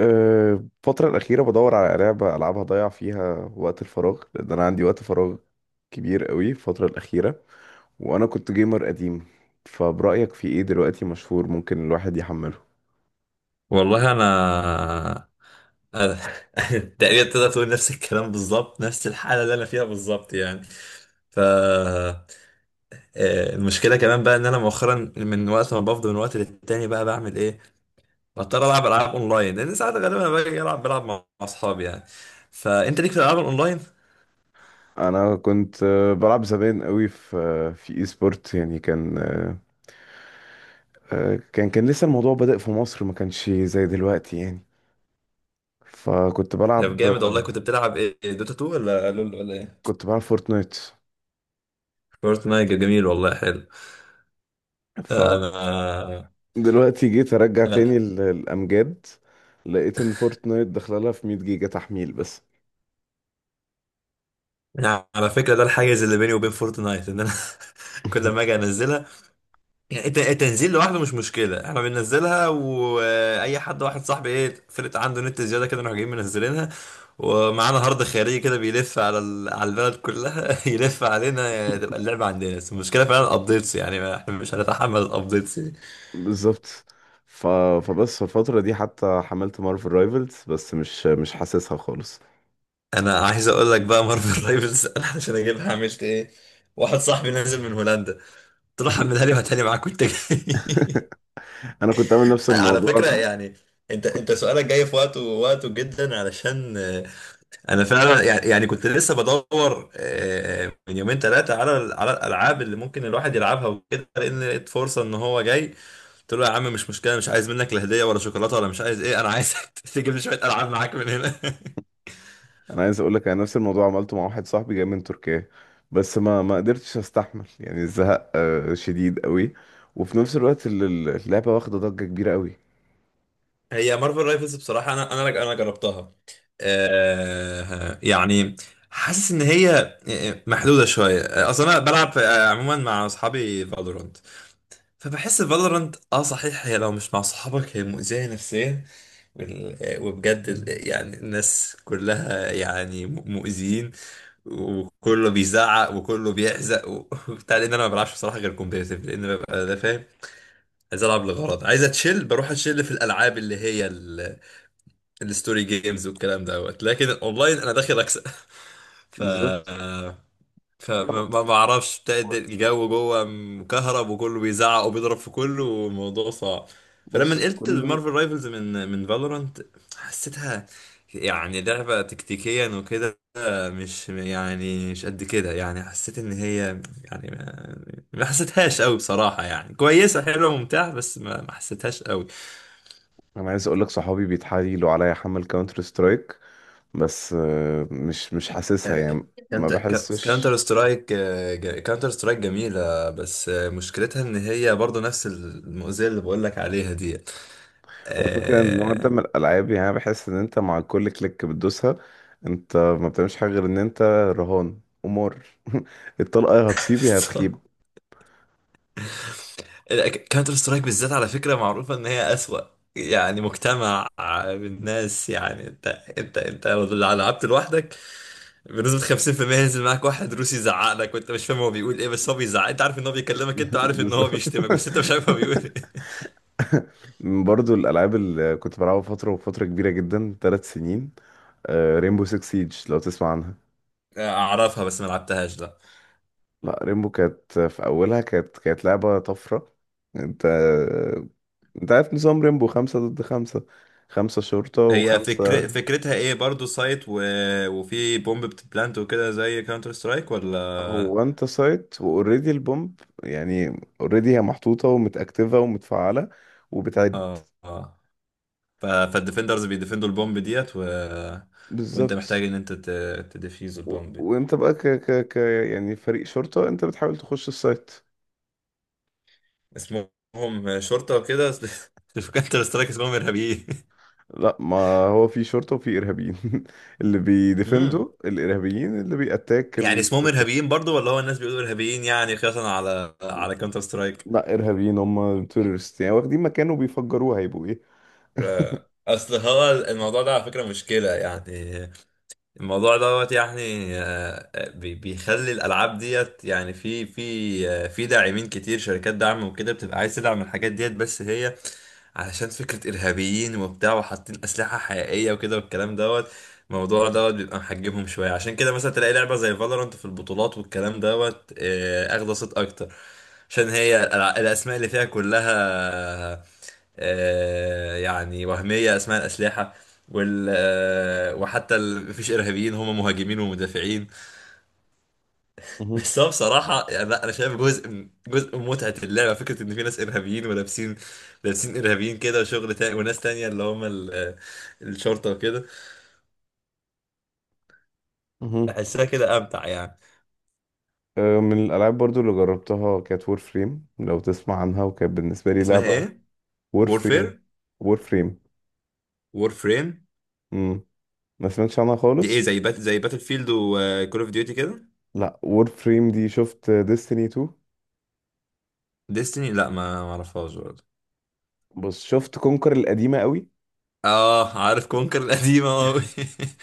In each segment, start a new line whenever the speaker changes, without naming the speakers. أه، الفترة الأخيرة بدور على لعبة ألعبها أضيع فيها وقت الفراغ لأن أنا عندي وقت فراغ كبير قوي الفترة الأخيرة، وأنا كنت جيمر قديم، فبرأيك في إيه دلوقتي مشهور ممكن الواحد يحمله؟
والله أنا تقريبا تقدر تقول نفس الكلام بالظبط، نفس الحاله اللي انا فيها بالظبط يعني. ف آه، المشكله كمان بقى ان انا مؤخرا من وقت ما بفضل من وقت للتاني بقى بعمل ايه، بضطر العب العاب اونلاين، لان ساعات غالبا انا باجي العب بلعب مع اصحابي يعني. فانت ليك في الالعاب الاونلاين؟
أنا كنت بلعب زمان قوي في إي سبورت، يعني كان أه، أه، كان كان لسه الموضوع بادئ في مصر، ما كانش زي دلوقتي يعني. فكنت
طب
بلعب
جامد والله!
آه،
كنت بتلعب ايه، دوتا 2 ولا لول ولا ايه؟
كنت بلعب فورتنايت.
فورتنايت؟ جميل والله، حلو. انا
دلوقتي جيت ارجع تاني
انا
الامجاد، لقيت ان فورتنايت داخله لها في 100 جيجا تحميل بس.
أنا على فكره ده الحاجز اللي بيني وبين فورتنايت ان انا كل ما اجي انزلها، يعني التنزيل لوحده مش مشكلة، احنا بننزلها، واي حد واحد صاحبي ايه فرقة عنده نت زيادة كده نروح جايين منزلينها، ومعانا هارد خارجي كده بيلف على ال... على البلد كلها يلف علينا تبقى اللعبة عندنا. بس المشكلة فعلا الابديتس يعني، احنا مش هنتحمل الابديتس يعني.
بالظبط. ف... فبس في الفتره دي حتى حملت مارفل رايفلز بس مش حاسسها خالص.
انا عايز اقول لك بقى مارفل رايفلز انا عشان اجيبها عملت ايه، واحد صاحبي نازل من هولندا قلت له حملها لي وهاتها لي معاك وانت جاي
انا كنت عامل نفس
على
الموضوع
فكرة
ده.
يعني انت سؤالك جاي في وقته، وقته جدا، علشان انا فعلا يعني يعني كنت لسه بدور من يومين ثلاثه على على الالعاب اللي ممكن الواحد يلعبها وكده، لان لقيت فرصه ان هو جاي، قلت له يا عم مش مشكله، مش عايز منك لا هديه ولا شوكولاته، ولا مش عايز ايه، انا عايز تجيب لي شويه العاب معاك من هنا
انا عايز اقول لك انا نفس الموضوع عملته مع واحد صاحبي جاي من تركيا، بس ما قدرتش استحمل يعني الزهق شديد قوي. وفي نفس الوقت اللعبه واخده ضجه كبيره قوي.
هي مارفل رايفلز بصراحه، انا جربتها. يعني حاسس ان هي محدوده شويه. اصلا انا بلعب عموما مع اصحابي فالورانت. فبحس فالورانت اه صحيح، هي لو مش مع صحابك هي مؤذية نفسيا. وبجد يعني الناس كلها يعني مؤذيين، وكله بيزعق وكله بيحزق وبتاع، لان انا ما بلعبش بصراحة غير كومبيتيتيف، لان ببقى ده فاهم عايز العب لغرض، عايز اتشيل، بروح اتشيل في الالعاب اللي هي الستوري جيمز والكلام دوت، لكن الاونلاين انا داخل اكسب ف
بالظبط.
فما
لا.
ما ما اعرفش بتاعت الجو جوه مكهرب وكله بيزعق وبيضرب في كله والموضوع صعب. فلما
بص
نقلت
كله.
المارفل رايفلز من فالورانت، حسيتها يعني لعبة تكتيكيا وكده، مش يعني مش قد كده يعني، حسيت ان هي يعني ما حسيتهاش قوي بصراحة، يعني كويسة حلوة ممتعة، بس ما حسيتهاش قوي.
انا عايز اقول لك صحابي بيتحايلوا عليا احمل كاونتر سترايك، بس مش حاسسها يعني، ما
كانت كانتر
بحسش.
سترايك، كانتر سترايك جميلة، بس مشكلتها ان هي برضو نفس المؤذية اللي بقولك عليها دي.
والفكره ان النوع ده
آه،
من الالعاب يعني أنا بحس ان انت مع كل كليك بتدوسها، انت ما بتعملش حاجه غير ان انت رهان قمار. الطلقه يا هتصيب يا هتخيب.
كانتر سترايك بالذات على فكرة معروفة ان هي أسوأ يعني مجتمع بالناس. يعني انت لو لعبت لوحدك بنسبة 50% ينزل معاك واحد روسي يزعق لك وانت مش فاهم هو بيقول ايه، بس هو بيزعق، انت عارف ان هو بيكلمك، انت عارف ان هو
بالظبط.
بيشتمك، بس انت مش عارف هو بيقول ايه.
برضو الالعاب اللي كنت بلعبها فتره وفتره كبيره جدا 3 سنين، ريمبو 6 سيج لو تسمع.
اعرفها بس ما لعبتهاش، لا.
لا، ريمبو كانت في اولها، كانت لعبه طفره. انت انت عارف نظام ريمبو، خمسة ضد خمسة، خمسة شرطة
هي
وخمسة.
فكرتها ايه برضو، سايت وفي بومب بتبلانت وكده زي كاونتر سترايك
هو
ولا؟
انت سايت واوريدي البومب، يعني اوريدي هي محطوطة ومتأكتفة ومتفعلة وبتعد.
اه اه. فالديفندرز بيديفندوا البومب ديت وانت
بالظبط.
محتاج ان تديفيوز البومب دي.
وانت بقى ك... ك... ك يعني فريق شرطة، انت بتحاول تخش السايت.
اسمهم شرطة وكده أصل في كاونتر سترايك اسمهم ارهابيين.
لا، ما هو في شرطة وفي إرهابيين. اللي
امم.
بيديفندوا الإرهابيين، اللي بيأتاك
يعني اسمهم
الشرطة.
ارهابيين برضو، ولا هو الناس بيقولوا ارهابيين يعني قياسا على كاونتر سترايك؟
لا، ارهابيين هم تورست، يعني واخدين مكان وبيفجروه هيبقوا ايه.
اصل هو الموضوع ده على فكرة مشكلة يعني، الموضوع دوت يعني، بيخلي الالعاب ديت يعني في داعمين كتير، شركات دعم وكده، بتبقى عايز تدعم الحاجات ديت، بس هي علشان فكرة ارهابيين وبتاع، وحاطين اسلحة حقيقية وكده والكلام دوت، الموضوع دوت بيبقى محجمهم شوية. عشان كده مثلا تلاقي لعبة زي فالورانت في البطولات والكلام دوت اخدة صيت اكتر، عشان هي الاسماء اللي فيها كلها يعني وهمية، اسماء الاسلحة، وال آه، وحتى مفيش ارهابيين، هم مهاجمين ومدافعين.
مهم.
بس هو بصراحه يعني، لا، انا شايف جزء جزء من متعه اللعبه فكره ان في ناس ارهابيين ولابسين، لابسين ارهابيين كده وشغل تاني، وناس تانية اللي هم ال... آه، الشرطه وكده،
مهم.
احسها كده امتع يعني.
من الالعاب برضو اللي جربتها كانت وور فريم لو تسمع عنها، وكانت بالنسبه لي
اسمها
لعبه.
ايه؟
وور فريم.
وورفير.
وور فريم.
وورفريم.
امم ما سمعتش عنها
دي ايه،
خالص.
زي زي باتل فيلد وكول اوف ديوتي كده؟
لا، وور فريم دي شفت ديستني 2؟
ديستني؟ لا ما اعرفهاش برضه.
بس شفت كونكر القديمه قوي.
اه عارف كونكر القديمه.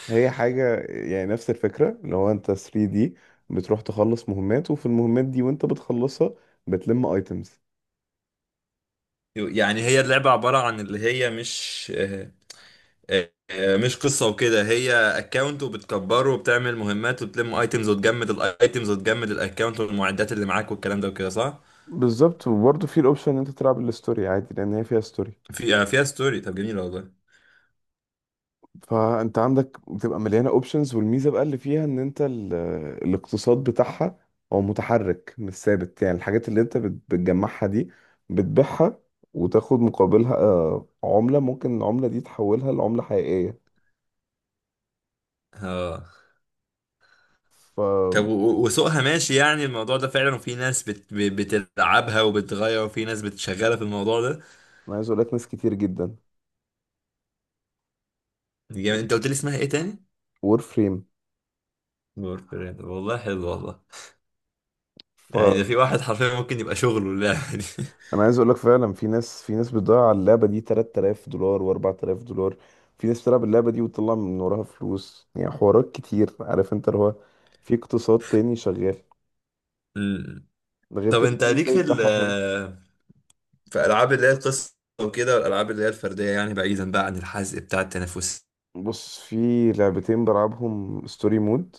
هي حاجه يعني نفس الفكره اللي هو انت 3 دي بتروح تخلص مهمات، وفي المهمات دي وانت بتخلصها بتلم ايتمز.
يعني هي اللعبه عباره عن اللي هي مش مش قصة وكده، هي اكونت وبتكبره وبتعمل مهمات وبتلم ايتمز، وتجمد الايتمز وتجمد الاكونت والمعدات اللي معاك والكلام ده وكده، صح؟
بالظبط. وبرضه في الاوبشن ان انت تلعب الستوري عادي لان هي فيها ستوري.
في فيها ستوري، طب جميل والله.
فانت عندك بتبقى مليانه اوبشنز، والميزه بقى اللي فيها ان انت الاقتصاد بتاعها هو متحرك مش ثابت، يعني الحاجات اللي انت بتجمعها دي بتبيعها وتاخد مقابلها عمله، ممكن العمله دي تحولها لعمله حقيقيه.
اه.
فانا
طب وسوقها ماشي، يعني الموضوع ده فعلا، وفي ناس بتلعبها وبتغير، وفي ناس بتشغلها في الموضوع ده.
عايز اقول لك ناس كتير جدا.
يعني انت قلت لي اسمها ايه تاني؟
وور فريم.
بورفرين، والله حلو والله، يعني ده في واحد حرفيا ممكن يبقى شغله اللعبة دي
انا عايز اقول لك فعلا في ناس، في ناس بتضيع على اللعبه دي 3000 دولار و4000 دولار. في ناس بتلعب اللعبه دي وتطلع من وراها فلوس، يعني حوارات كتير، عارف انت اللي هو في اقتصاد تاني شغال.
مم.
ده غير
طب
كده
انت
الجيم
ليك
بلاي
في ال
بتاعها حلو.
آه، فالعاب اللي هي القصه وكده، والالعاب اللي هي الفرديه، يعني بعيدا بقى عن الحزق بتاع التنافسيه
بص في لعبتين بلعبهم ستوري مود.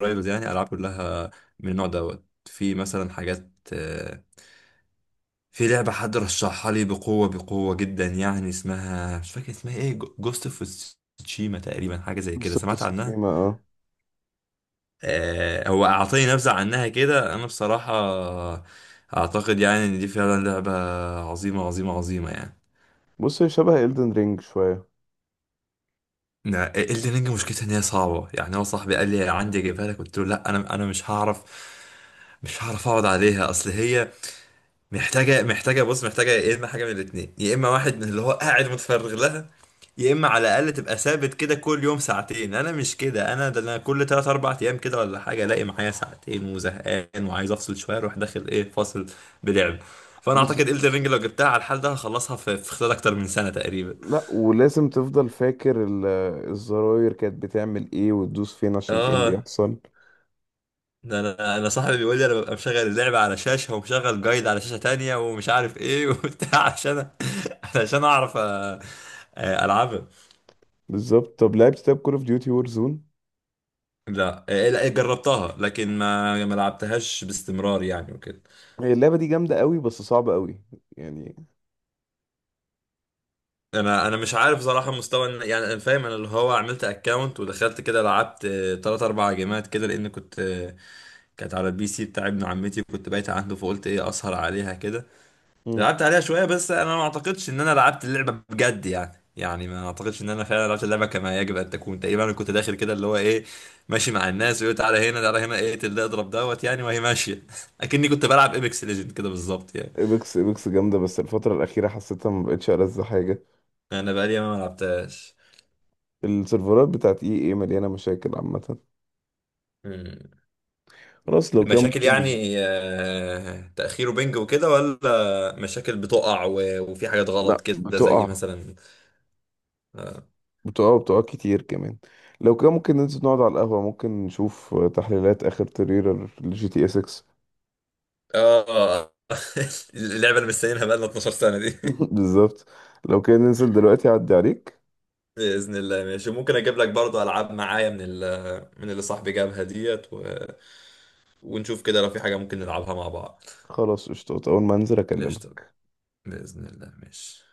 والرايفلز يعني، العاب كلها من النوع دوت؟ في مثلا حاجات في لعبه حد رشحها لي بقوه بقوه جدا يعني، اسمها مش فاكر اسمها ايه، جوست اوف تشيما تقريبا، حاجه زي كده،
بس
سمعت عنها؟
بتستشيما اه.
هو اعطيني نبذه عنها كده، انا بصراحه اعتقد يعني ان دي فعلا لعبه عظيمه عظيمه عظيمه يعني.
بص هي شبه إلدن رينج شويه.
الليرنج مشكلتها ان هي صعبه يعني، هو صاحبي قال لي عندي اجيبها لك، قلت له لا انا مش هعرف اقعد عليها، اصل هي محتاجه، بص محتاجه يا اما حاجه من الاثنين، يا اما واحد من اللي هو قاعد متفرغ لها، يا اما على الاقل تبقى ثابت كده كل يوم ساعتين. انا مش كده، انا ده انا كل 3 4 ايام كده ولا حاجه الاقي معايا ساعتين وزهقان وعايز افصل شويه، اروح داخل ايه فاصل بلعب. فانا اعتقد
بالظبط.
الدرينج لو جبتها على الحال ده هخلصها في خلال اكتر من سنه تقريبا.
لا ولازم تفضل فاكر الزراير كانت بتعمل ايه وتدوس فين عشان ايه اللي
اه،
يحصل.
ده انا صاحبي بيقول لي انا ببقى مشغل اللعبه على شاشه ومشغل جايد على شاشه تانية ومش عارف ايه وبتاع عشان عشان اعرف العبها.
بالظبط. طب كول اوف ديوتي وور زون؟
لا إيه، لا جربتها، لكن ما لعبتهاش باستمرار يعني وكده.
هي اللعبة دي جامدة قوي بس صعبة قوي يعني.
انا مش عارف صراحه مستوى يعني انا فاهم، انا اللي هو عملت اكونت ودخلت كده، لعبت 3 4 جيمات كده لان كنت كانت على البي سي بتاع ابن عمتي كنت بايت عنده، فقلت ايه اسهر عليها كده.
مم.
لعبت عليها شوية، بس أنا ما أعتقدش إن أنا لعبت اللعبة بجد يعني، يعني ما أعتقدش إن أنا فعلا لعبت اللعبة كما يجب أن تكون. تقريبا أنا كنت داخل كده اللي هو إيه ماشي مع الناس، ويقول تعالى هنا تعالى هنا ايه، اقتل ده، اضرب دوت، يعني وهي ماشية أكني كنت بلعب إيبكس ليجند كده بالظبط يعني.
ايبكس ايبكس جامدة بس الفترة الأخيرة حسيتها ما بقتش ألذ حاجة.
أنا بقالي ما لعبتهاش.
السيرفرات بتاعت اي اي مليانة مشاكل عامة.
مم.
خلاص لو كان
مشاكل
ممكن.
يعني تأخير وبنج وكده، ولا مشاكل بتقع وفي حاجات غلط
لا
كده زي
بتقع.
مثلا؟ آه.
بتقع بتقع كتير كمان. لو كان ممكن ننزل نقعد على القهوة ممكن نشوف تحليلات آخر تريلر لجي تي اس 6.
آه، اللعبة اللي مستنيينها بقالنا 12 سنة دي.
بالظبط. لو كان ننزل دلوقتي أعدي عليك.
بإذن الله ماشي، ممكن أجيب لك برضو ألعاب معايا من ال، من اللي صاحبي جابها ديت ونشوف كده لو في حاجة ممكن نلعبها مع بعض.
خلاص قشطات، أول ما أنزل
قشطة.
أكلمك.
بإذن الله ماشي.